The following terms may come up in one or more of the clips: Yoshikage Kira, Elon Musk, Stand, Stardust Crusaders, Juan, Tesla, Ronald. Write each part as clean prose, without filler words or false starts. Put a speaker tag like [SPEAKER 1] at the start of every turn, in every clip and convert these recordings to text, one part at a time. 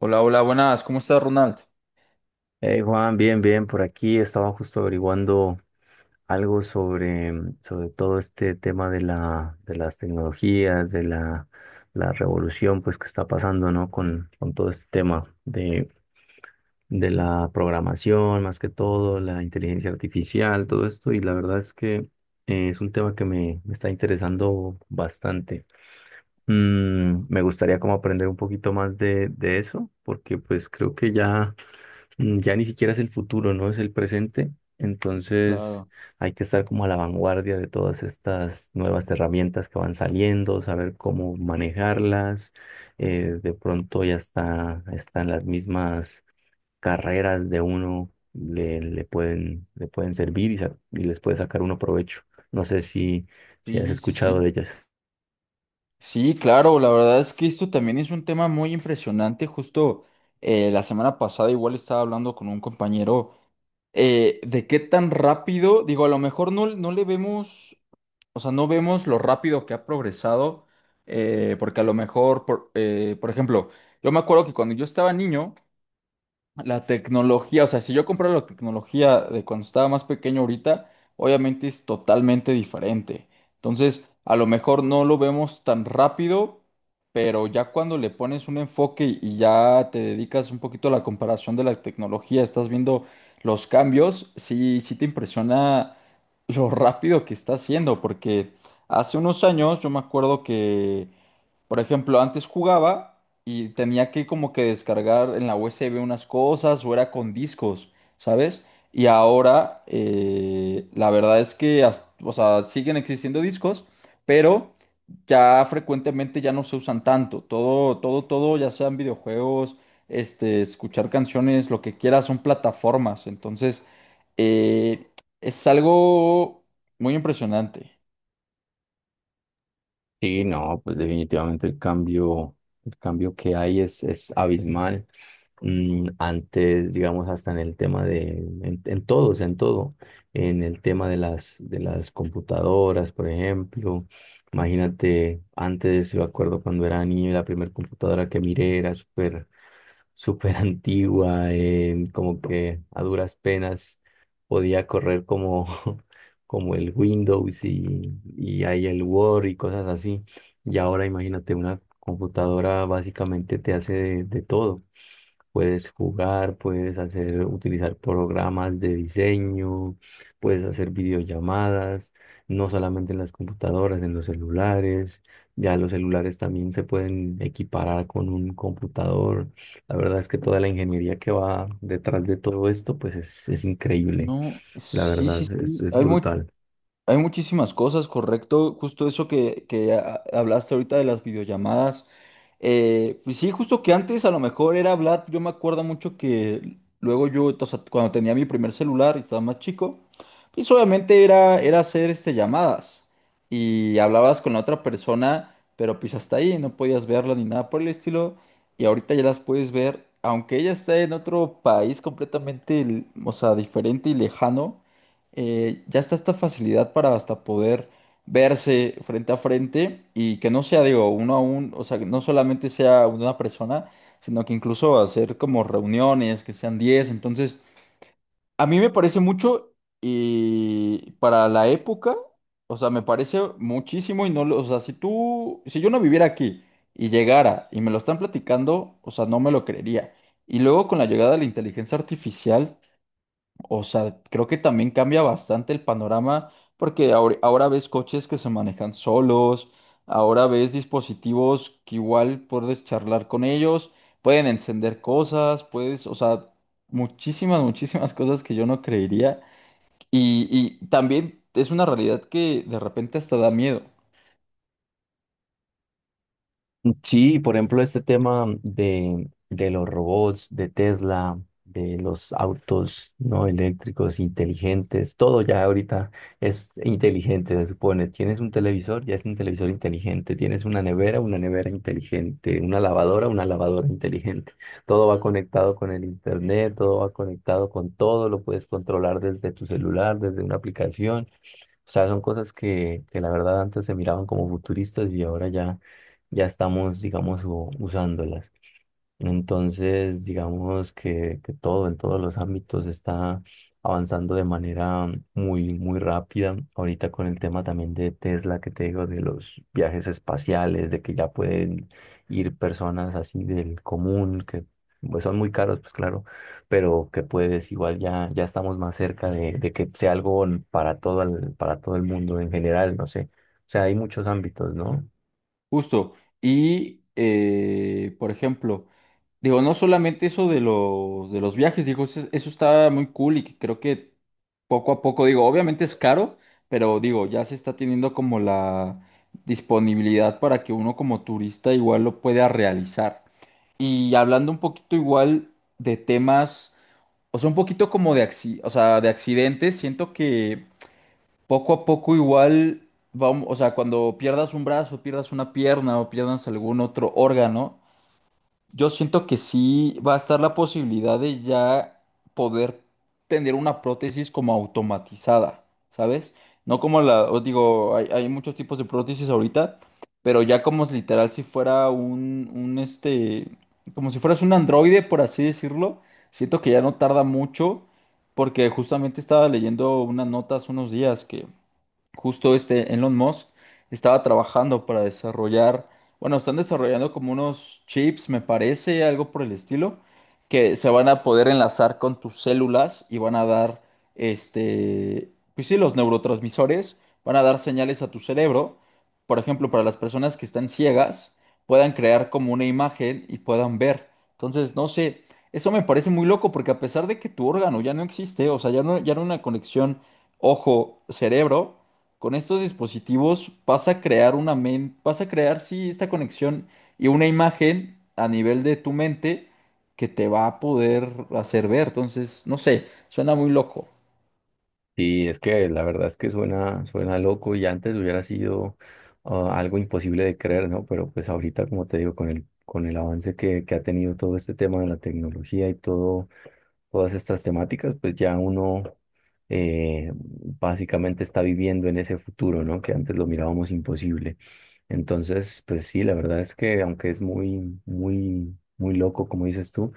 [SPEAKER 1] Hola, hola, buenas. ¿Cómo estás, Ronald?
[SPEAKER 2] Hey Juan, bien, bien, por aquí estaba justo averiguando algo sobre, sobre todo este tema de de las tecnologías, de la revolución pues que está pasando, ¿no? Con todo este tema de la programación, más que todo, la inteligencia artificial, todo esto, y la verdad es que es un tema que me está interesando bastante. Me gustaría como aprender un poquito más de eso, porque pues creo que ya ya ni siquiera es el futuro, ¿no? Es el presente. Entonces
[SPEAKER 1] Claro.
[SPEAKER 2] hay que estar como a la vanguardia de todas estas nuevas herramientas que van saliendo, saber cómo manejarlas. De pronto ya están las mismas carreras de uno, le pueden servir y y les puede sacar uno provecho. No sé si, Si has
[SPEAKER 1] Sí, sí,
[SPEAKER 2] escuchado
[SPEAKER 1] sí.
[SPEAKER 2] de ellas.
[SPEAKER 1] Sí, claro, la verdad es que esto también es un tema muy impresionante. Justo la semana pasada igual estaba hablando con un compañero de qué tan rápido, digo, a lo mejor no le vemos, o sea, no vemos lo rápido que ha progresado, porque a lo mejor, por ejemplo, yo me acuerdo que cuando yo estaba niño, la tecnología, o sea, si yo comprara la tecnología de cuando estaba más pequeño ahorita, obviamente es totalmente diferente. Entonces, a lo mejor no lo vemos tan rápido, pero ya cuando le pones un enfoque y ya te dedicas un poquito a la comparación de la tecnología, estás viendo los cambios, sí, sí te impresiona lo rápido que está haciendo, porque hace unos años yo me acuerdo que por ejemplo, antes jugaba y tenía que como que descargar en la USB unas cosas o era con discos, ¿sabes? Y ahora la verdad es que, o sea, siguen existiendo discos, pero ya frecuentemente ya no se usan tanto. Todo, todo, todo, ya sean videojuegos, este, escuchar canciones, lo que quieras, son plataformas. Entonces, eh, es algo muy impresionante.
[SPEAKER 2] Sí, no, pues definitivamente el cambio que hay es abismal. Antes, digamos, hasta en el tema en todo, o sea, en todo, en el tema de de las computadoras, por ejemplo. Imagínate, antes, yo acuerdo cuando era niño, la primera computadora que miré era súper súper antigua, como que a duras penas podía correr como, como el Windows y ahí el Word y cosas así. Y ahora imagínate, una computadora básicamente te hace de todo. Puedes jugar, puedes hacer, utilizar programas de diseño, puedes hacer videollamadas, no solamente en las computadoras, en los celulares. Ya los celulares también se pueden equiparar con un computador. La verdad es que toda la ingeniería que va detrás de todo esto, pues es increíble.
[SPEAKER 1] No,
[SPEAKER 2] La
[SPEAKER 1] sí, sí,
[SPEAKER 2] verdad,
[SPEAKER 1] sí.
[SPEAKER 2] es brutal.
[SPEAKER 1] Hay muchísimas cosas, correcto. Justo eso que hablaste ahorita de las videollamadas. Pues sí, justo que antes a lo mejor era hablar. Yo me acuerdo mucho que luego yo, o sea, cuando tenía mi primer celular y estaba más chico, pues obviamente era hacer este, llamadas. Y hablabas con la otra persona, pero pues hasta ahí no podías verla ni nada por el estilo. Y ahorita ya las puedes ver, aunque ella está en otro país completamente, o sea, diferente y lejano, ya está esta facilidad para hasta poder verse frente a frente y que no sea, digo, uno a uno, o sea, que no solamente sea una persona, sino que incluso hacer como reuniones, que sean diez. Entonces, a mí me parece mucho y para la época, o sea, me parece muchísimo y no, o sea, si tú, si yo no viviera aquí y llegara y me lo están platicando, o sea, no me lo creería. Y luego con la llegada de la inteligencia artificial, o sea, creo que también cambia bastante el panorama porque ahora ves coches que se manejan solos, ahora ves dispositivos que igual puedes charlar con ellos, pueden encender cosas, puedes, o sea, muchísimas, muchísimas cosas que yo no creería. Y también es una realidad que de repente hasta da miedo,
[SPEAKER 2] Sí, por ejemplo, este tema de los robots, de Tesla, de los autos no eléctricos inteligentes, todo ya ahorita es inteligente, se supone. Tienes un televisor, ya es un televisor inteligente. Tienes una nevera inteligente. Una lavadora inteligente. Todo va conectado con el internet, todo va conectado con todo, lo puedes controlar desde tu celular, desde una aplicación. O sea, son cosas que la verdad antes se miraban como futuristas y ahora ya, ya estamos, digamos, usándolas. Entonces, digamos que todo en todos los ámbitos está avanzando de manera muy, muy rápida. Ahorita con el tema también de Tesla que te digo, de los viajes espaciales, de que ya pueden ir personas así del común, que pues, son muy caros, pues claro, pero que puedes igual ya, ya estamos más cerca de que sea algo para todo para todo el mundo en general, no sé. O sea, hay muchos ámbitos, ¿no?
[SPEAKER 1] justo. Y por ejemplo, digo, no solamente eso de de los viajes, digo, eso está muy cool y que creo que poco a poco, digo, obviamente es caro, pero digo, ya se está teniendo como la disponibilidad para que uno como turista igual lo pueda realizar. Y hablando un poquito igual de temas, o sea, un poquito como de, o sea, de accidentes, siento que poco a poco igual, vamos, o sea, cuando pierdas un brazo, pierdas una pierna o pierdas algún otro órgano, yo siento que sí va a estar la posibilidad de ya poder tener una prótesis como automatizada, ¿sabes? No como la, os digo, hay muchos tipos de prótesis ahorita, pero ya como es literal si fuera un este, como si fueras un androide, por así decirlo, siento que ya no tarda mucho, porque justamente estaba leyendo unas notas unos días que justo este Elon Musk estaba trabajando para desarrollar, bueno, están desarrollando como unos chips, me parece, algo por el estilo, que se van a poder enlazar con tus células y van a dar, este, pues sí, los neurotransmisores, van a dar señales a tu cerebro. Por ejemplo, para las personas que están ciegas, puedan crear como una imagen y puedan ver. Entonces, no sé, eso me parece muy loco porque a pesar de que tu órgano ya no existe, o sea, ya no hay una conexión ojo-cerebro, con estos dispositivos vas a crear sí esta conexión y una imagen a nivel de tu mente que te va a poder hacer ver. Entonces, no sé, suena muy loco.
[SPEAKER 2] Sí, es que la verdad es que suena, suena loco y antes hubiera sido ah, algo imposible de creer, ¿no? Pero pues ahorita, como te digo, con con el avance que ha tenido todo este tema de la tecnología y todo, todas estas temáticas, pues ya uno básicamente está viviendo en ese futuro, ¿no? Que antes lo mirábamos imposible. Entonces, pues sí, la verdad es que aunque es muy, muy, muy loco, como dices tú,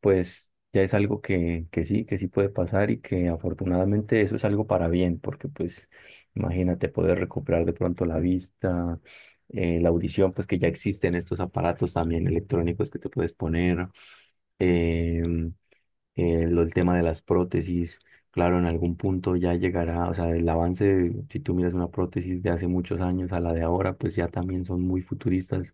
[SPEAKER 2] pues ya es algo que sí puede pasar y que afortunadamente eso es algo para bien, porque pues imagínate poder recuperar de pronto la vista, la audición, pues que ya existen estos aparatos también electrónicos que te puedes poner. em, el tema de las prótesis, claro, en algún punto ya llegará, o sea, el avance, si tú miras una prótesis de hace muchos años a la de ahora, pues ya también son muy futuristas,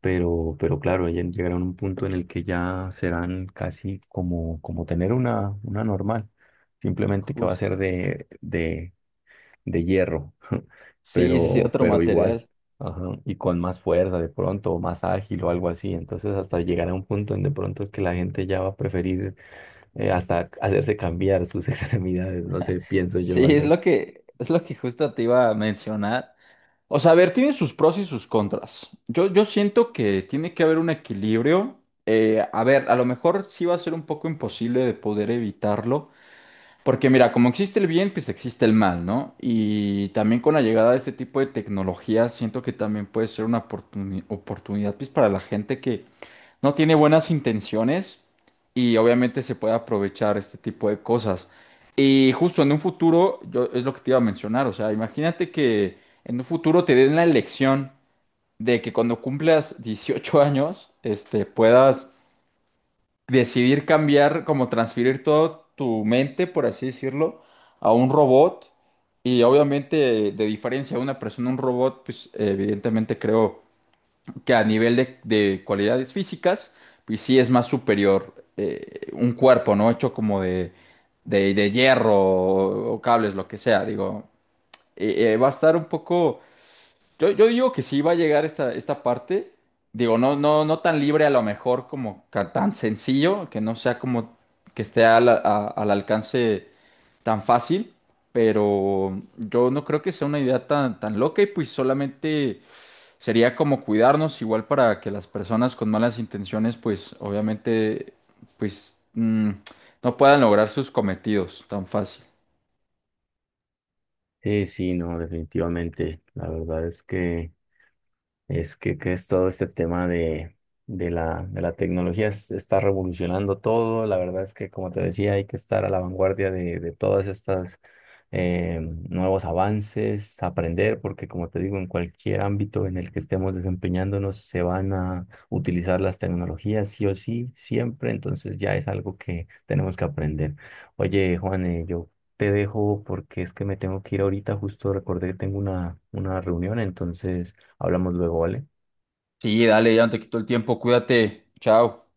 [SPEAKER 2] pero claro, ya llegarán a un punto en el que ya serán casi como, como tener una normal, simplemente que va a
[SPEAKER 1] Justo.
[SPEAKER 2] ser de hierro,
[SPEAKER 1] Sí, sí, sí, otro
[SPEAKER 2] pero igual.
[SPEAKER 1] material.
[SPEAKER 2] Ajá, y con más fuerza de pronto, o más ágil o algo así. Entonces hasta llegará un punto en de pronto es que la gente ya va a preferir hasta hacerse cambiar sus extremidades, no sé, pienso yo
[SPEAKER 1] Sí,
[SPEAKER 2] algo así.
[SPEAKER 1] es lo que justo te iba a mencionar. O sea, a ver, tiene sus pros y sus contras. Yo siento que tiene que haber un equilibrio. A ver, a lo mejor sí va a ser un poco imposible de poder evitarlo. Porque mira, como existe el bien, pues existe el mal, ¿no? Y también con la llegada de este tipo de tecnología, siento que también puede ser una oportunidad pues, para la gente que no tiene buenas intenciones y obviamente se puede aprovechar este tipo de cosas. Y justo en un futuro, yo es lo que te iba a mencionar, o sea, imagínate que en un futuro te den la elección de que cuando cumplas 18 años, este, puedas decidir cambiar, como transferir toda tu mente, por así decirlo, a un robot. Y obviamente, de diferencia de una persona a un robot, pues evidentemente creo que a nivel de cualidades físicas, pues sí es más superior, un cuerpo, ¿no? Hecho como de hierro o cables, lo que sea. Digo, va a estar un poco, yo digo que sí va a llegar esta parte. Digo, no tan libre a lo mejor como tan sencillo, que no sea como que esté al alcance tan fácil, pero yo no creo que sea una idea tan loca y pues solamente sería como cuidarnos igual para que las personas con malas intenciones pues obviamente pues mm, no puedan lograr sus cometidos tan fácil.
[SPEAKER 2] Sí, sí, no, definitivamente. La verdad es que... Es que es todo este tema de de la tecnología, está revolucionando todo. La verdad es que, como te decía, hay que estar a la vanguardia de todas estas eh, nuevos avances, aprender, porque como te digo, en cualquier ámbito en el que estemos desempeñándonos, se van a utilizar las tecnologías sí o sí, siempre. Entonces ya es algo que tenemos que aprender. Oye, Juan, yo te dejo porque es que me tengo que ir ahorita, justo recordé que tengo una reunión, entonces... Hablamos luego, ¿vale?
[SPEAKER 1] Sí, dale, ya no te quito el tiempo, cuídate, chao.